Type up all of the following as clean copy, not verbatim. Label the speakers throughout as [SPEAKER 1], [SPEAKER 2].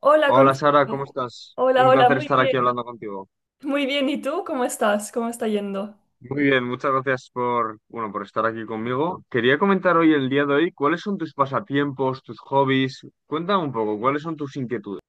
[SPEAKER 1] Hola,
[SPEAKER 2] Hola Sara, ¿cómo
[SPEAKER 1] Gonzalo.
[SPEAKER 2] estás?
[SPEAKER 1] Hola,
[SPEAKER 2] Un
[SPEAKER 1] hola,
[SPEAKER 2] placer
[SPEAKER 1] muy
[SPEAKER 2] estar aquí
[SPEAKER 1] bien.
[SPEAKER 2] hablando contigo.
[SPEAKER 1] Muy bien, ¿y tú cómo estás? ¿Cómo está yendo?
[SPEAKER 2] Muy bien, muchas gracias por, bueno, por estar aquí conmigo. Quería comentar hoy, el día de hoy, cuáles son tus pasatiempos, tus hobbies. Cuéntame un poco, ¿cuáles son tus inquietudes?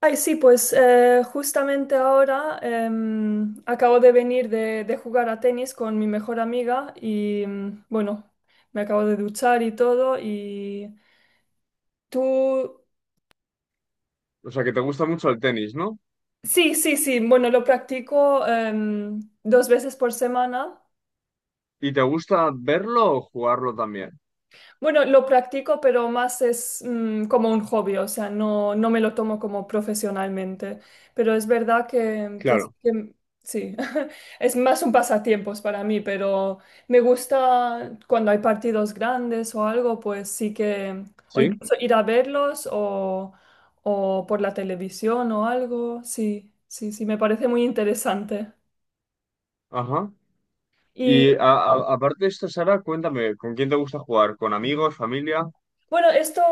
[SPEAKER 1] Ay, sí, pues justamente ahora acabo de venir de jugar a tenis con mi mejor amiga y bueno, me acabo de duchar y todo y tú.
[SPEAKER 2] O sea, que te gusta mucho el tenis, ¿no?
[SPEAKER 1] Sí, sí, sí, bueno, lo practico dos veces por semana.
[SPEAKER 2] ¿Y te gusta verlo o jugarlo también?
[SPEAKER 1] Bueno, lo practico, pero más es como un hobby, o sea, no me lo tomo como profesionalmente. Pero es verdad que sí,
[SPEAKER 2] Claro,
[SPEAKER 1] sí. Es más un pasatiempos para mí, pero me gusta cuando hay partidos grandes o algo, pues sí que, o
[SPEAKER 2] sí.
[SPEAKER 1] incluso ir a verlos o por la televisión o algo, sí, sí, sí, me parece muy interesante.
[SPEAKER 2] Ajá. Y a- Aparte de esto, Sara, cuéntame, ¿con quién te gusta jugar? ¿Con amigos, familia?
[SPEAKER 1] Bueno, esto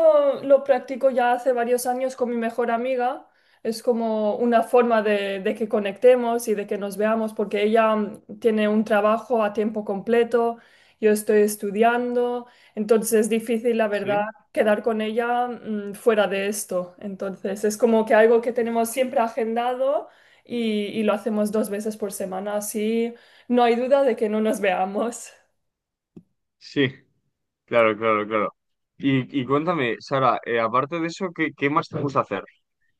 [SPEAKER 1] lo practico ya hace varios años con mi mejor amiga. Es como una forma de que conectemos y de que nos veamos, porque ella tiene un trabajo a tiempo completo, yo estoy estudiando, entonces es difícil, la verdad,
[SPEAKER 2] Sí.
[SPEAKER 1] quedar con ella fuera de esto. Entonces es como que algo que tenemos siempre agendado y lo hacemos dos veces por semana, así no hay duda de que no nos veamos.
[SPEAKER 2] Sí, claro, claro, claro. Y cuéntame, Sara, aparte de eso, ¿qué más te gusta hacer?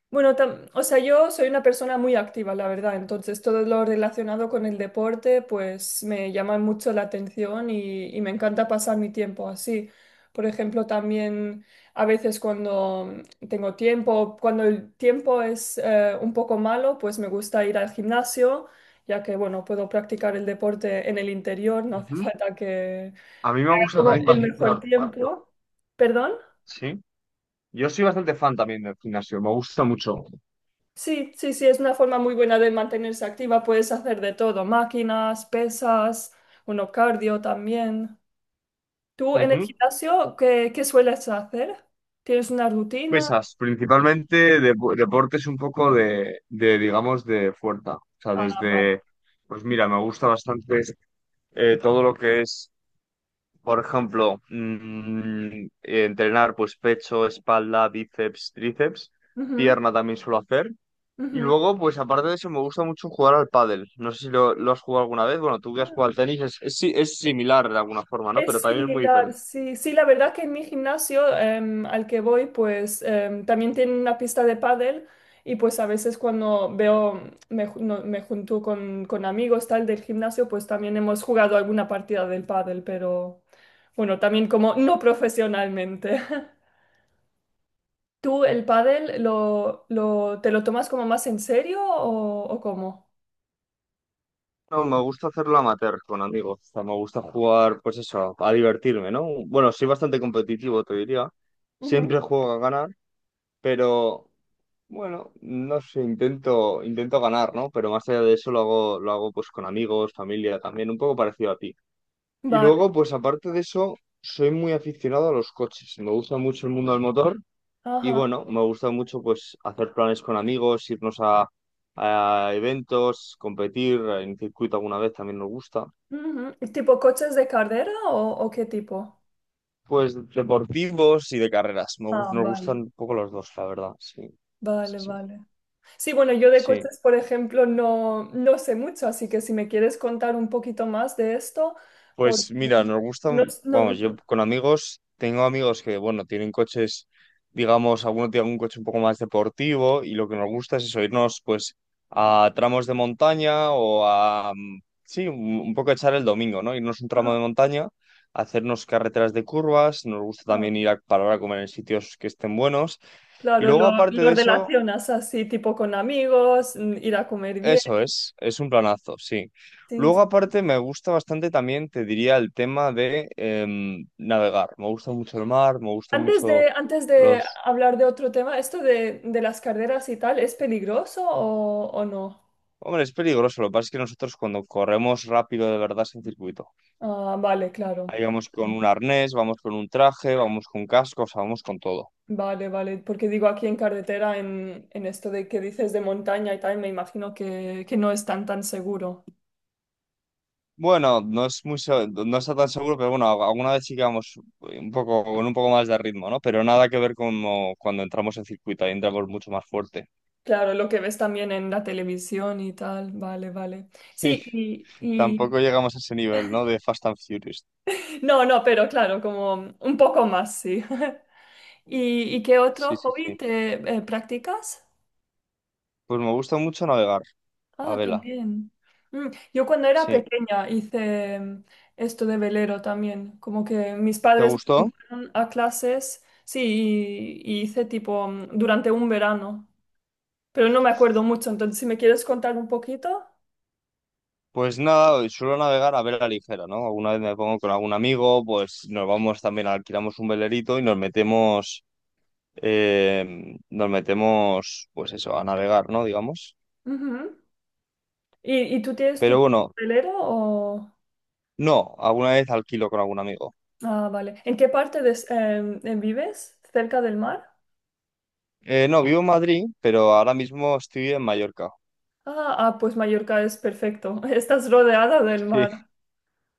[SPEAKER 1] Bueno, o sea, yo soy una persona muy activa, la verdad, entonces todo lo relacionado con el deporte pues me llama mucho la atención y me encanta pasar mi tiempo así. Por ejemplo, también a veces cuando tengo tiempo, cuando el tiempo es un poco malo, pues me gusta ir al gimnasio, ya que, bueno, puedo practicar el deporte en el interior, no hace
[SPEAKER 2] Ujú.
[SPEAKER 1] falta que.
[SPEAKER 2] A mí me gusta
[SPEAKER 1] Como
[SPEAKER 2] también
[SPEAKER 1] el
[SPEAKER 2] bastante ir
[SPEAKER 1] mejor
[SPEAKER 2] al gimnasio.
[SPEAKER 1] tiempo. ¿Perdón?
[SPEAKER 2] Sí. Yo soy bastante fan también del gimnasio, me gusta mucho.
[SPEAKER 1] Sí, sí, sí, es una forma muy buena de mantenerse activa. Puedes hacer de todo, máquinas, pesas, uno cardio también. ¿Tú en el
[SPEAKER 2] Ujú.
[SPEAKER 1] gimnasio qué sueles hacer? ¿Tienes una rutina?
[SPEAKER 2] Pesas, principalmente deportes un poco digamos, de fuerza. O sea,
[SPEAKER 1] Ah, vale.
[SPEAKER 2] desde, pues mira, me gusta bastante todo lo que es, por ejemplo, entrenar pues pecho, espalda, bíceps, tríceps.
[SPEAKER 1] Ujú,
[SPEAKER 2] Pierna también suelo hacer. Y luego, pues aparte de eso, me gusta mucho jugar al pádel. No sé si lo has jugado alguna vez. Bueno, tú que has jugado
[SPEAKER 1] ujú.
[SPEAKER 2] al tenis es, si- es similar de alguna forma, ¿no? Pero
[SPEAKER 1] Es
[SPEAKER 2] también es muy
[SPEAKER 1] similar,
[SPEAKER 2] diferente.
[SPEAKER 1] sí. Sí, la verdad que en mi gimnasio al que voy, pues también tiene una pista de pádel y pues a veces cuando veo, me, ju- no- me junto con amigos tal del gimnasio, pues también hemos jugado alguna partida del pádel, pero bueno, también como no profesionalmente. ¿Tú el pádel lo te lo tomas como más en serio o, cómo?
[SPEAKER 2] No, me gusta hacerlo amateur con amigos. O sea, me gusta jugar, pues eso, a divertirme, ¿no? Bueno, soy bastante competitivo, te diría.
[SPEAKER 1] Ujú.
[SPEAKER 2] Siempre juego a ganar, pero bueno, no sé, intento ganar, ¿no? Pero más allá de eso lo hago pues con amigos, familia también, un poco parecido a ti. Y
[SPEAKER 1] Vale,
[SPEAKER 2] luego, pues aparte de eso, soy muy aficionado a los coches. Me gusta mucho el mundo del motor. Y
[SPEAKER 1] ajá.
[SPEAKER 2] bueno, me gusta mucho pues hacer planes con amigos, a eventos, competir en circuito alguna vez también nos gusta.
[SPEAKER 1] Ujú. ¿Tipo coches de carrera o qué tipo?
[SPEAKER 2] Pues deportivos y de carreras.
[SPEAKER 1] Ah,
[SPEAKER 2] Nos gustan
[SPEAKER 1] vale.
[SPEAKER 2] un poco los dos, la verdad. Sí, sí,
[SPEAKER 1] Vale,
[SPEAKER 2] sí.
[SPEAKER 1] vale. Sí, bueno, yo de
[SPEAKER 2] Sí.
[SPEAKER 1] coches, por ejemplo, no sé mucho, así que si me quieres contar un poquito más de esto, porque
[SPEAKER 2] Pues mira, nos
[SPEAKER 1] no,
[SPEAKER 2] gustan,
[SPEAKER 1] no-
[SPEAKER 2] vamos, yo
[SPEAKER 1] no-
[SPEAKER 2] con amigos, tengo amigos que, bueno, tienen coches, digamos, alguno tiene un coche un poco más deportivo y lo que nos gusta es eso, irnos pues a tramos de montaña o a, sí, un poco echar el domingo, ¿no? Irnos un tramo de
[SPEAKER 1] Ajá,
[SPEAKER 2] montaña, hacernos carreteras de curvas, nos gusta
[SPEAKER 1] ajá.
[SPEAKER 2] también ir a parar a comer en sitios que estén buenos y
[SPEAKER 1] Claro,
[SPEAKER 2] luego
[SPEAKER 1] lo,
[SPEAKER 2] aparte
[SPEAKER 1] lo
[SPEAKER 2] de eso,
[SPEAKER 1] relacionas así, tipo con amigos, ir a comer bien.
[SPEAKER 2] eso es un planazo, sí.
[SPEAKER 1] Sí,
[SPEAKER 2] Luego,
[SPEAKER 1] sí.
[SPEAKER 2] aparte, me gusta bastante también, te diría, el tema de navegar. Me gusta mucho el mar, me gusta
[SPEAKER 1] Antes
[SPEAKER 2] mucho
[SPEAKER 1] de, antes de
[SPEAKER 2] los...
[SPEAKER 1] hablar de otro tema, ¿esto de las carreras y tal es peligroso o no?
[SPEAKER 2] Hombre, es peligroso. Lo que pasa es que nosotros cuando corremos rápido de verdad sin circuito,
[SPEAKER 1] Ah, vale, claro.
[SPEAKER 2] ahí vamos con un arnés, vamos con un traje, vamos con cascos, vamos con todo.
[SPEAKER 1] Vale, vale, porque digo aquí en carretera, en esto de que dices de montaña y tal, me imagino que no es tan tan seguro.
[SPEAKER 2] Bueno, no es muy, no está tan seguro, pero bueno, alguna vez sí que vamos un poco, con un poco más de ritmo, ¿no? Pero nada que ver con cuando entramos en circuito, ahí entramos mucho más fuerte.
[SPEAKER 1] Claro, lo que ves también en la televisión y tal, vale, vale. Sí,
[SPEAKER 2] Tampoco llegamos a ese nivel, ¿no? De Fast and Furious.
[SPEAKER 1] no, no, pero claro, como un poco más, sí. ¿Y qué otro
[SPEAKER 2] Sí, sí, sí.
[SPEAKER 1] hobby te practicas?
[SPEAKER 2] Pues me gusta mucho navegar a
[SPEAKER 1] Ah,
[SPEAKER 2] vela.
[SPEAKER 1] también. Mm, Yo cuando era
[SPEAKER 2] Sí.
[SPEAKER 1] pequeña hice esto de velero también, como que mis
[SPEAKER 2] ¿Te
[SPEAKER 1] padres me
[SPEAKER 2] gustó?
[SPEAKER 1] fueron a clases, sí, y hice tipo durante un verano, pero no me acuerdo mucho, entonces si me quieres contar un poquito.
[SPEAKER 2] Pues nada, suelo navegar a vela ligera, ¿no? Alguna vez me pongo con algún amigo, pues nos vamos también, alquilamos un velerito y nos metemos, pues eso, a navegar, ¿no? Digamos.
[SPEAKER 1] Ujú. ¿Y tú tienes
[SPEAKER 2] Pero
[SPEAKER 1] tu
[SPEAKER 2] bueno,
[SPEAKER 1] velero o?
[SPEAKER 2] no, alguna vez alquilo con algún amigo.
[SPEAKER 1] Ah, vale. ¿En qué parte de vives? ¿Cerca del mar?
[SPEAKER 2] No, vivo en Madrid, pero ahora mismo estoy en Mallorca.
[SPEAKER 1] Ah, ah, pues Mallorca es perfecto, estás rodeada del
[SPEAKER 2] Sí.
[SPEAKER 1] mar.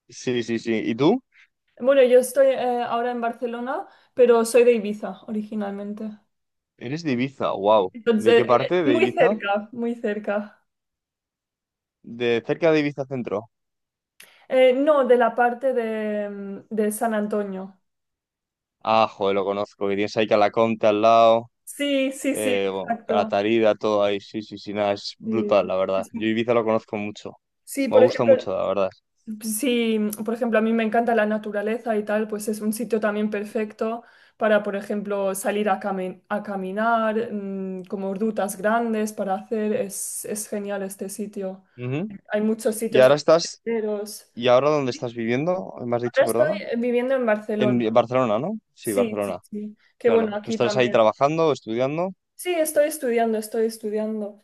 [SPEAKER 2] Sí, sí, sí. ¿Y tú?
[SPEAKER 1] Bueno, yo estoy ahora en Barcelona, pero soy de Ibiza originalmente.
[SPEAKER 2] Eres de Ibiza, wow. ¿De qué
[SPEAKER 1] Entonces,
[SPEAKER 2] parte de
[SPEAKER 1] muy
[SPEAKER 2] Ibiza?
[SPEAKER 1] cerca, muy cerca.
[SPEAKER 2] De cerca de Ibiza Centro.
[SPEAKER 1] No, de la parte de San Antonio.
[SPEAKER 2] Ah, joder, lo conozco. Que tienes ahí Calaconte al lado.
[SPEAKER 1] Sí, sí, sí,
[SPEAKER 2] Bueno,
[SPEAKER 1] exacto.
[SPEAKER 2] Calatarida, todo ahí. Sí, sí, sí, nada, es
[SPEAKER 1] Sí,
[SPEAKER 2] brutal, la verdad.
[SPEAKER 1] Es-
[SPEAKER 2] Yo Ibiza lo conozco mucho.
[SPEAKER 1] sí,
[SPEAKER 2] Me
[SPEAKER 1] por
[SPEAKER 2] gusta
[SPEAKER 1] ejemplo.
[SPEAKER 2] mucho, la verdad.
[SPEAKER 1] Si, por ejemplo, a mí me encanta la naturaleza y tal, pues es un sitio también perfecto para, por ejemplo, salir a caminar, como rutas grandes para hacer. Es genial este sitio.
[SPEAKER 2] Ujú.
[SPEAKER 1] Hay muchos
[SPEAKER 2] Y
[SPEAKER 1] sitios
[SPEAKER 2] ahora estás.
[SPEAKER 1] senderos.
[SPEAKER 2] ¿Y ahora dónde estás viviendo? ¿Me has dicho,
[SPEAKER 1] Ahora estoy
[SPEAKER 2] perdona?
[SPEAKER 1] viviendo en
[SPEAKER 2] En
[SPEAKER 1] Barcelona.
[SPEAKER 2] Barcelona, ¿no? Sí,
[SPEAKER 1] Sí, sí,
[SPEAKER 2] Barcelona.
[SPEAKER 1] sí. Qué bueno,
[SPEAKER 2] Claro. Pero
[SPEAKER 1] aquí
[SPEAKER 2] estás ahí
[SPEAKER 1] también.
[SPEAKER 2] trabajando, estudiando.
[SPEAKER 1] Sí, estoy estudiando, estoy estudiando.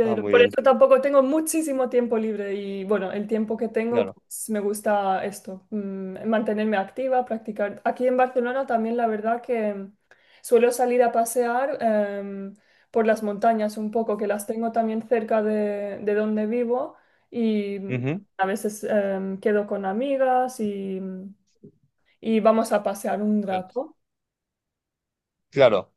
[SPEAKER 2] Ah, muy
[SPEAKER 1] por
[SPEAKER 2] bien.
[SPEAKER 1] eso tampoco tengo muchísimo tiempo libre y bueno, el tiempo que tengo,
[SPEAKER 2] Claro.
[SPEAKER 1] pues me gusta esto, mantenerme activa, practicar. Aquí en Barcelona también la verdad que suelo salir a pasear em, por las montañas un poco, que las tengo también cerca de donde vivo y
[SPEAKER 2] Ujú.
[SPEAKER 1] a veces quedo con amigas y vamos a pasear un rato.
[SPEAKER 2] Claro,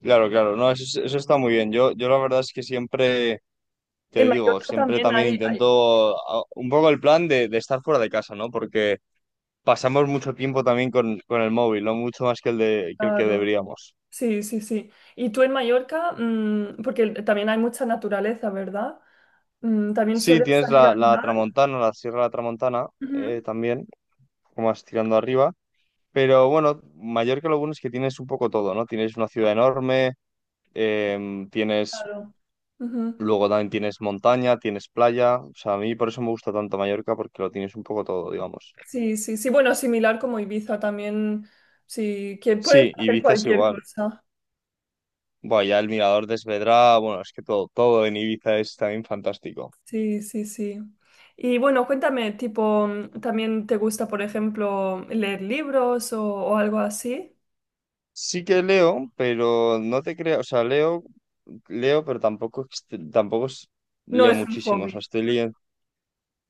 [SPEAKER 2] claro, claro. No, eso está muy bien. Yo la verdad es que siempre
[SPEAKER 1] En
[SPEAKER 2] te digo,
[SPEAKER 1] Mallorca
[SPEAKER 2] siempre
[SPEAKER 1] también
[SPEAKER 2] también
[SPEAKER 1] hay,
[SPEAKER 2] intento un poco el plan de estar fuera de casa, ¿no? Porque pasamos mucho tiempo también con el móvil, no mucho más que que el que
[SPEAKER 1] claro.
[SPEAKER 2] deberíamos.
[SPEAKER 1] Sí, sí, sí. Y tú en Mallorca, porque también hay mucha naturaleza, ¿verdad? También
[SPEAKER 2] Sí,
[SPEAKER 1] sueles
[SPEAKER 2] tienes
[SPEAKER 1] salir a
[SPEAKER 2] la
[SPEAKER 1] andar.
[SPEAKER 2] Tramontana, la Sierra de la Tramontana
[SPEAKER 1] Ujú,
[SPEAKER 2] también, como más tirando arriba, pero bueno, Mallorca lo bueno es que tienes un poco todo, ¿no? Tienes una ciudad enorme, em, tienes,
[SPEAKER 1] claro. Ujú.
[SPEAKER 2] luego también tienes montaña, tienes playa, o sea, a mí por eso me gusta tanto Mallorca, porque lo tienes un poco todo, digamos.
[SPEAKER 1] Sí, sí, sí. Bueno, similar como Ibiza también, sí, que puedes
[SPEAKER 2] Sí,
[SPEAKER 1] hacer
[SPEAKER 2] Ibiza es
[SPEAKER 1] cualquier
[SPEAKER 2] igual.
[SPEAKER 1] cosa.
[SPEAKER 2] Bueno, ya el Mirador de Esvedra, bueno, es que todo, todo en Ibiza es también fantástico.
[SPEAKER 1] Sí, sí, sí. Y bueno, cuéntame, tipo, ¿también te gusta, por ejemplo, leer libros o, algo así?
[SPEAKER 2] Sí que leo, pero no te creo, o sea, leo, leo, pero tampoco, ext- tampoco es-
[SPEAKER 1] No
[SPEAKER 2] leo
[SPEAKER 1] es un
[SPEAKER 2] muchísimo, o sea,
[SPEAKER 1] hobby.
[SPEAKER 2] estoy leyendo.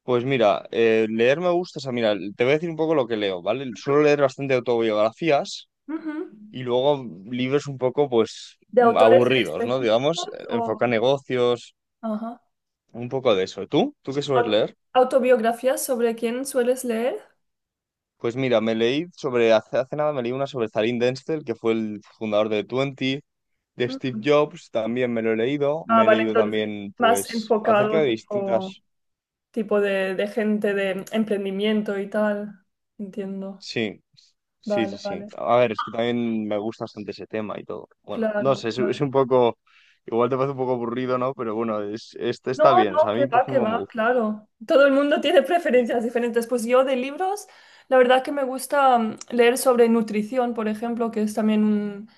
[SPEAKER 2] Pues mira, leer me gusta, o sea, mira, te voy a decir un poco lo que leo, ¿vale? Suelo leer bastante autobiografías
[SPEAKER 1] Ujú.
[SPEAKER 2] y luego libros un poco, pues,
[SPEAKER 1] ¿De autores en
[SPEAKER 2] aburridos, ¿no? Digamos,
[SPEAKER 1] específicos
[SPEAKER 2] enfoca
[SPEAKER 1] o?
[SPEAKER 2] negocios,
[SPEAKER 1] Ajá.
[SPEAKER 2] un poco de eso. ¿Tú? ¿Tú qué sueles
[SPEAKER 1] Au-
[SPEAKER 2] leer?
[SPEAKER 1] ¿Autobiografías sobre quién sueles leer?
[SPEAKER 2] Pues mira, me leí sobre, hace, hace nada me leí una sobre Zalín Denzel, que fue el fundador de Twenty, de Steve
[SPEAKER 1] Mm.
[SPEAKER 2] Jobs, también me lo he leído,
[SPEAKER 1] Ah,
[SPEAKER 2] me he
[SPEAKER 1] vale,
[SPEAKER 2] leído
[SPEAKER 1] entonces
[SPEAKER 2] también,
[SPEAKER 1] más
[SPEAKER 2] pues, acerca
[SPEAKER 1] enfocado
[SPEAKER 2] de
[SPEAKER 1] tipo,
[SPEAKER 2] distintas...
[SPEAKER 1] tipo de gente de emprendimiento y tal. Entiendo.
[SPEAKER 2] Sí, sí, sí,
[SPEAKER 1] Vale,
[SPEAKER 2] sí.
[SPEAKER 1] vale.
[SPEAKER 2] A ver, es que también me gusta bastante ese tema y todo. Bueno, no
[SPEAKER 1] Claro,
[SPEAKER 2] sé, es un
[SPEAKER 1] claro.
[SPEAKER 2] poco, igual te parece un poco aburrido, ¿no? Pero bueno, es, este
[SPEAKER 1] No,
[SPEAKER 2] está bien, o
[SPEAKER 1] no,
[SPEAKER 2] sea, a mí, por
[SPEAKER 1] que
[SPEAKER 2] ejemplo, me
[SPEAKER 1] va,
[SPEAKER 2] gusta.
[SPEAKER 1] claro. Todo el mundo tiene
[SPEAKER 2] Y,
[SPEAKER 1] preferencias diferentes. Pues yo de libros, la verdad que me gusta leer sobre nutrición, por ejemplo, que es también un,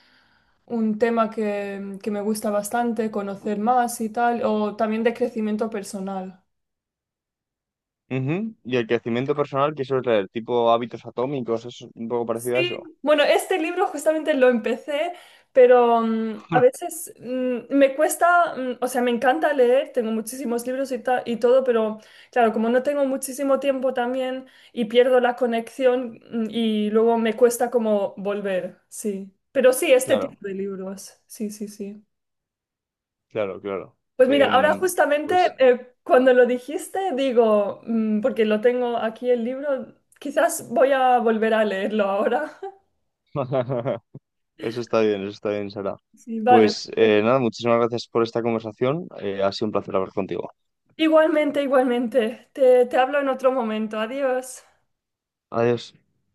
[SPEAKER 1] un tema que me gusta bastante, conocer más y tal, o también de crecimiento personal.
[SPEAKER 2] ujú, y el crecimiento personal, que eso es el tipo hábitos atómicos, es un poco parecido a
[SPEAKER 1] Sí,
[SPEAKER 2] eso.
[SPEAKER 1] bueno, este libro justamente lo empecé, pero a veces me cuesta, o sea, me encanta leer, tengo muchísimos libros y todo, pero claro, como no tengo muchísimo tiempo también y pierdo la conexión y luego me cuesta como volver, sí. Pero sí, este
[SPEAKER 2] Claro,
[SPEAKER 1] tipo de libros, sí, sí, sí.
[SPEAKER 2] claro, claro.
[SPEAKER 1] Pues mira, ahora
[SPEAKER 2] Em, pues
[SPEAKER 1] justamente cuando lo dijiste, digo, porque lo tengo aquí el libro, quizás voy a volver a leerlo ahora.
[SPEAKER 2] Eso está bien, Sara.
[SPEAKER 1] Sí, vale.
[SPEAKER 2] Pues nada, muchísimas gracias por esta conversación. Ha sido un placer hablar contigo.
[SPEAKER 1] Igualmente, igualmente. Te hablo en otro momento. Adiós.
[SPEAKER 2] Adiós.